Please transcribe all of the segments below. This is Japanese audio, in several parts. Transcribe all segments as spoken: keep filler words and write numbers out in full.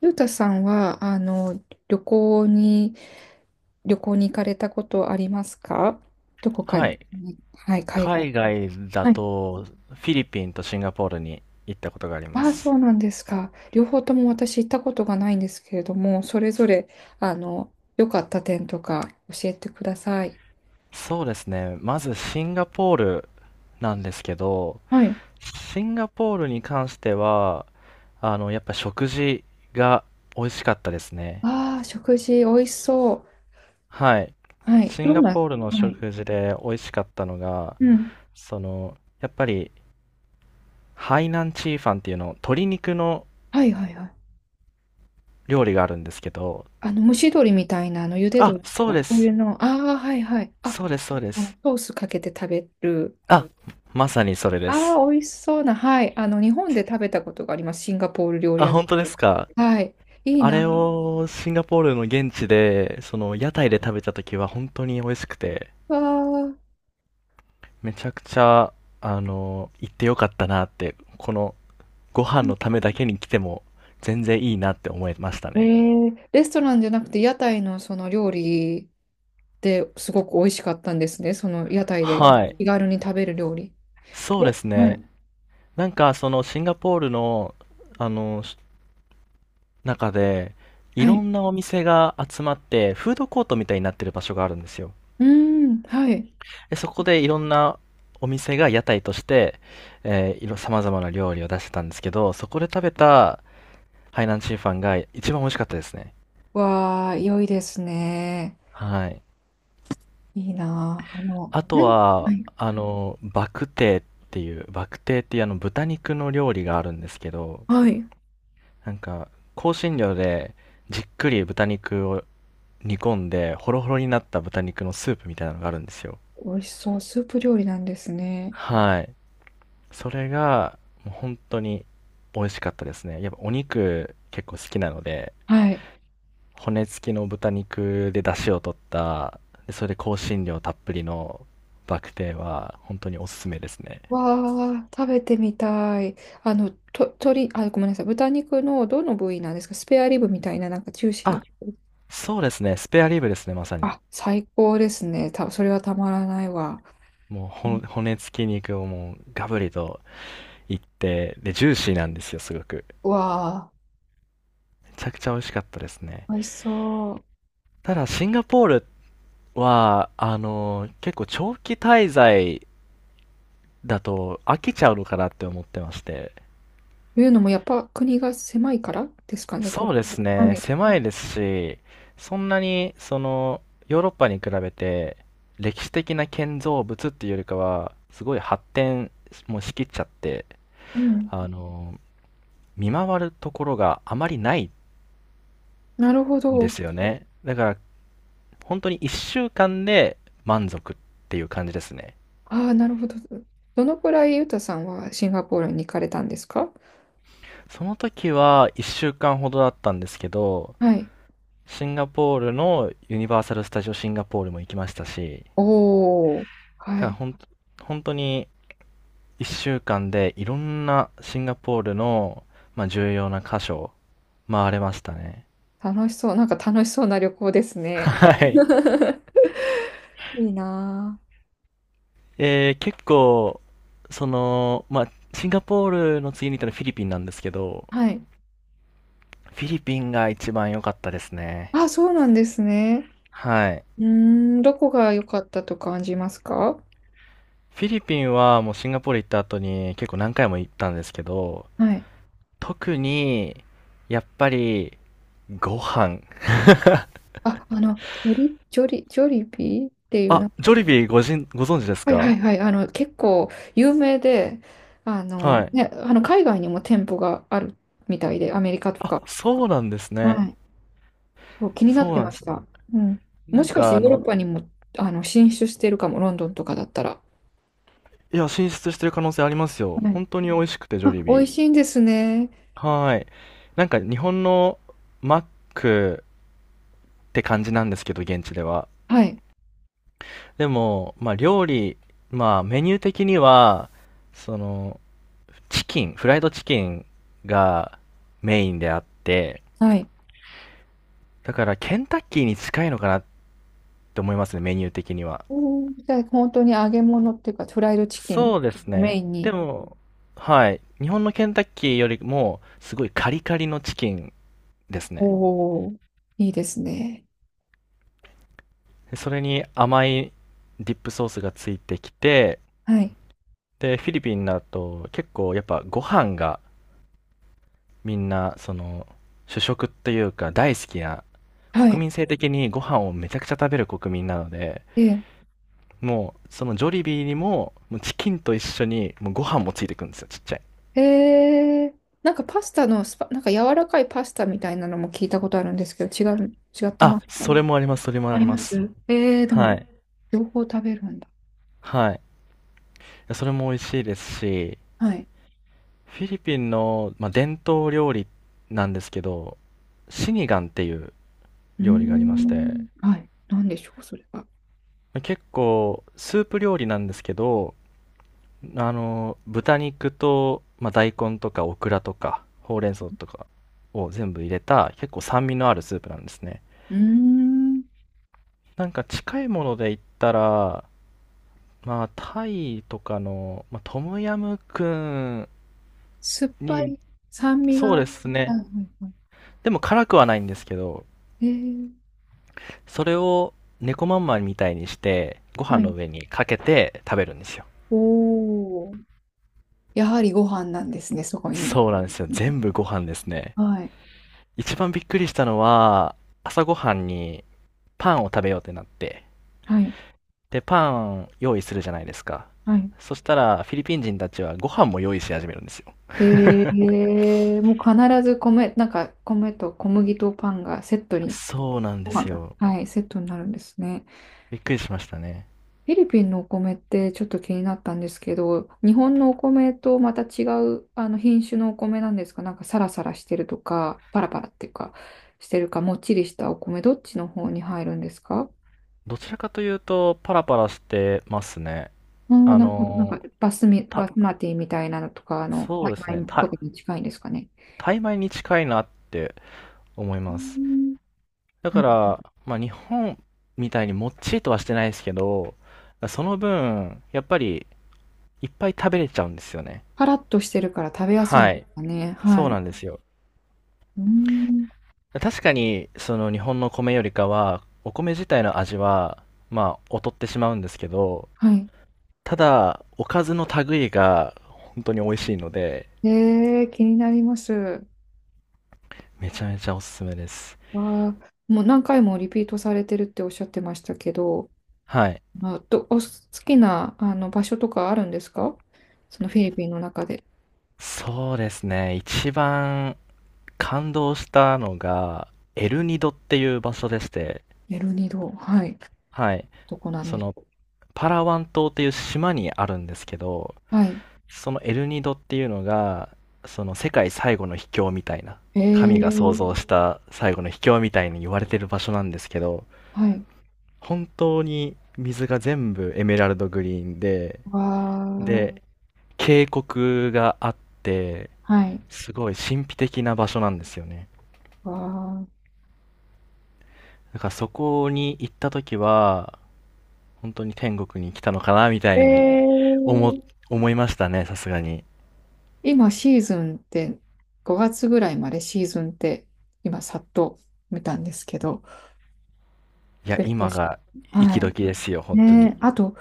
ゆうたさんは、あの、旅行に、旅行に行かれたことありますか？どこかはに。い。はい、海外。海外だはい。と、フィリピンとシンガポールに行ったことがありまああ、そす。うなんですか。両方とも私行ったことがないんですけれども、それぞれ、あの、良かった点とか教えてください。そうですね。まずシンガポールなんですけど、はい。シンガポールに関しては、あの、やっぱ食事が美味しかったですね。ああ、食事美味しそはい。う。はい。シンどんガな、ポールのはい。食事で美味しかったのが、うん。その、やっぱり、ハイナンチーファンっていうの、鶏肉のはいはいはい。料理があるんですけど、あの、蒸し鶏みたいな、あの、茹であ、鶏そうとか。でそういうす。の。ああ、はいはい。あ、そうです、そうであの、す。ソースかけて食べる。あ、まさにそれです。ああ、美味しそうな。はい。あの、日本で食べたことがあります。シンガポール料理あ、屋さん本当でで。すか。はい。いいあれな。をシンガポールの現地で、その屋台で食べた時は本当に美味しくて、わあ。めちゃくちゃ、あの、行ってよかったなって、このご飯のためだけに来ても全然いいなって思いましたえね。ー、レストランじゃなくて、屋台のその料理ですごく美味しかったんですね。その屋台ではい。気軽に食べる料理。そうでですはね。い。なんかそのシンガポールの、あの、し中で、いはろい。んなお店が集まって、フードコートみたいになってる場所があるんですよ。うーん。はい。でそこでいろんなお店が屋台として、えー、いろ、様々な料理を出してたんですけど、そこで食べた海南チーファンが一番美味しかったですね。わあ、良いですね。はい。いいなあ。あの、あと何はは、い。あの、バクテーっていう、バクテーっていうあの豚肉の料理があるんですけど、はい。なんか、香辛料でじっくり豚肉を煮込んで、ホロホロになった豚肉のスープみたいなのがあるんですよ。美味しそう。スープ料理なんですね。はい。それが、もう本当に美味しかったですね。やっぱお肉結構好きなので、はい。骨付きの豚肉で出汁を取った、で、それで香辛料たっぷりのバクテーは本当におすすめですね。わあ、食べてみたい。あの、と、鶏、あ、ごめんなさい。豚肉のどの部位なんですか？スペアリブみたいな、なんかジューシーなあ、部位。そうですね。スペアリブですね、まさに。あ、最高ですね。た、それはたまらないわ。もううほんん。骨付き肉をもうガブリといって、で、ジューシーなんですよ、すごく。うわめちゃくちゃ美味しかったですね。あ、美味しそう。ただ、シンガポールは、あの、結構長期滞在だと飽きちゃうのかなって思ってまして。というのも、やっぱ国が狭いからですかね、こそこうですは。はね、い。狭いですし、そんなにそのヨーロッパに比べて歴史的な建造物っていうよりかは、すごい発展もしきっちゃって、うん。あの、見回るところがあまりないなるほんでど。すよね。だから本当にいっしゅうかんで満足っていう感じですね。ああ、なるほど。どのくらいユタさんはシンガポールに行かれたんですか？その時はいっしゅうかんほどだったんですけど、はい。シンガポールのユニバーサル・スタジオ・シンガポールも行きましたし、おお。はからい。ほん、本当にいっしゅうかんでいろんなシンガポールの、まあ、重要な箇所を回れましたね。楽しそう。なんか楽しそうな旅行ですね。はい。いいなあ。えー結構、その、まあ、シンガポールの次に行ったのはフィリピンなんですけど、はい。フィリピンが一番良かったですね。あ、そうなんですね。はい。うーん、どこが良かったと感じますか？フィリピンはもうシンガポール行った後に結構何回も行ったんですけど、はい。特に、やっぱり、ご飯。あ、あの、ジョリ、ジョリ、ジョリビーっていう、なあ、んか、ジョリビーごじん、ご存知ですはいはいか？はい、あの、結構有名で、あはの、い。ね、あの、海外にも店舗があるみたいで、アメリカとあ、か。そうなんですね。はい。そう、気になっそうてなんまでしす。た。うん。なもんしかしてかあヨーロッの、パにも、あの、進出してるかも、ロンドンとかだったら。いや、進出してる可能性ありますよ。はい。本当に美味しくて、ジョリあ、美ビ味ー。しいんですね。はーい。なんか日本のマックって感じなんですけど、現地では。はい。でも、まあ料理、まあメニュー的には、その、チキン、フライドチキンがメインであって、はい。だからケンタッキーに近いのかなって思いますね、メニュー的には。うん。じゃあ、本当に揚げ物っていうか、フライドチキンそうですをメね。インでに。も、はい。日本のケンタッキーよりも、すごいカリカリのチキンですね。おお、いいですね。でそれに甘いディップソースがついてきて、はい。で、フィリピンだと結構やっぱご飯がみんな、その、主食というか大好きな、は国い。民性的にご飯をめちゃくちゃ食べる国民なので、え。もう、そのジョリビーにも、もうチキンと一緒に、もうご飯もついてくるんですよ、ちっちゃい。ええー、なんかパスタのスパ、なんか柔らかいパスタみたいなのも聞いたことあるんですけど、違う、違ったまあ、したそも、れもあります、それもあありりまます。す。ええ、ではも、い。両方食べるんだ。はい。やそれも美味しいですし、はい。フィリピンの、まあ、伝統料理なんですけど、シニガンっていううー料理がありまして、ん。はい。なんでしょう、それは。結構スープ料理なんですけど、あの、豚肉と、まあ、大根とかオクラとかほうれん草とかを全部入れた結構酸味のあるスープなんですね。うーん。なんか近いもので言ったら、まあ、タイとかの、まあ、トムヤムクン酸っぱに、い、酸味が。そはういですはね。いはでも辛くはないんですけど、い。ええ。それを猫まんまみたいにして、ご飯はのい。上にかけて食べるんですよ。おお。やはりご飯なんですね、そこに。そうなんですよ。全部ご飯ですね。はい。一番びっくりしたのは、朝ごはんにパンを食べようってなって、はい。で、パン用意するじゃないですか。はい。そしたら、フィリピン人たちはご飯も用意し始めるんですよ。えー、もう必ず米、なんか米と小麦とパンがセットに、そうなんでご飯すが。よ。はい、セットになるんですね。びっくりしましたね。フィリピンのお米ってちょっと気になったんですけど、日本のお米とまた違うあの品種のお米なんですか？なんかサラサラしてるとか、パラパラっていうか、してるか、もっちりしたお米、どっちの方に入るんですか？どちらかというと、パラパラしてますね。おー、あなるほど。なんの、か、バスミた、バスマティみたいなのとか、あの、そうですタイね。米とた、かに近いんですかね。タイ米に近いなって思いうーます。ん。だなかんから、まあ、日本みたいにもっちりとはしてないですけど、その分、やっぱりいっぱい食べれちゃうんですよね。パラッとしてるから食べやすいんはでい。すかね。はそい。ううなんですよ。ーん。確かに、その日本の米よりかは、お米自体の味は、まあ、劣ってしまうんですけど、はい。ただ、おかずの類が本当に美味しいので、えー、気になります。めちゃめちゃおすすめです。わあ、もう何回もリピートされてるっておっしゃってましたけど、はい。あ、ど、お好きなあの場所とかあるんですか？そのフィリピンの中で。そうですね。一番感動したのが、エルニドっていう場所でして、エルニド、はい。はい。どこなんそでしのょパラワン島っていう島にあるんですけど、う。はい。そのエルニドっていうのがその世界最後の秘境みたいな、え神が創ー、造した最後の秘境みたいに言われてる場所なんですけど、はい。本当に水が全部エメラルドグリーンで、わであ、渓谷があって、はい。すごい神秘的な場所なんですよね。わあ。だからそこに行った時は本当に天国に来たのかなみたえいな、思ー、思いましたね、さすがに。今シーズンってごがつぐらいまでシーズンって今さっと見たんですけど、いや、ベスト今シがーズンは息い。時ですよ、本当ねに。え、あと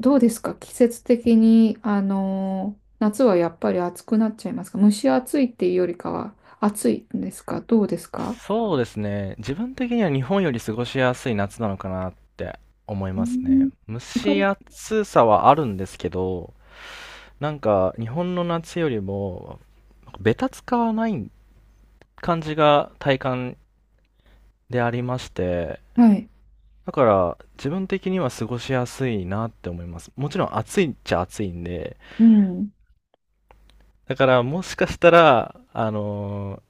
どうですか？季節的に、あのー夏はやっぱり暑くなっちゃいますか？蒸し暑いっていうよりかは暑いんですか？どうですか？そうですね。自分的には日本より過ごしやすい夏なのかなって思いうますね。ん。蒸行かしれ、暑さはあるんですけど、なんか日本の夏よりも、なんかベタつかない感じが体感でありまして、はい。だから自分的には過ごしやすいなって思います。もちろん暑いっちゃ暑いんで、うん。だからもしかしたら、あのー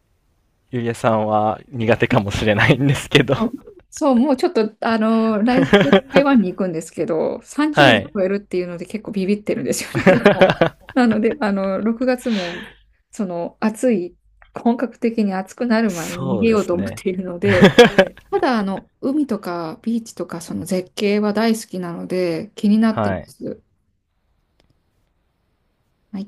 ゆりえさんは苦手かもしれないんですけど。 あそう、もうちょっと、あの、来週台 湾に行くんですけど、30は度い。超えるっていうので結構ビビってるんですよね。も うなので、あの、ろくがつも、その、暑い、本格的に暑くなる前に逃そうげでようとす思っね。ているので、ただ、あの、海とかビーチとか、その絶景は大好きなので、気になってはまい。す。はい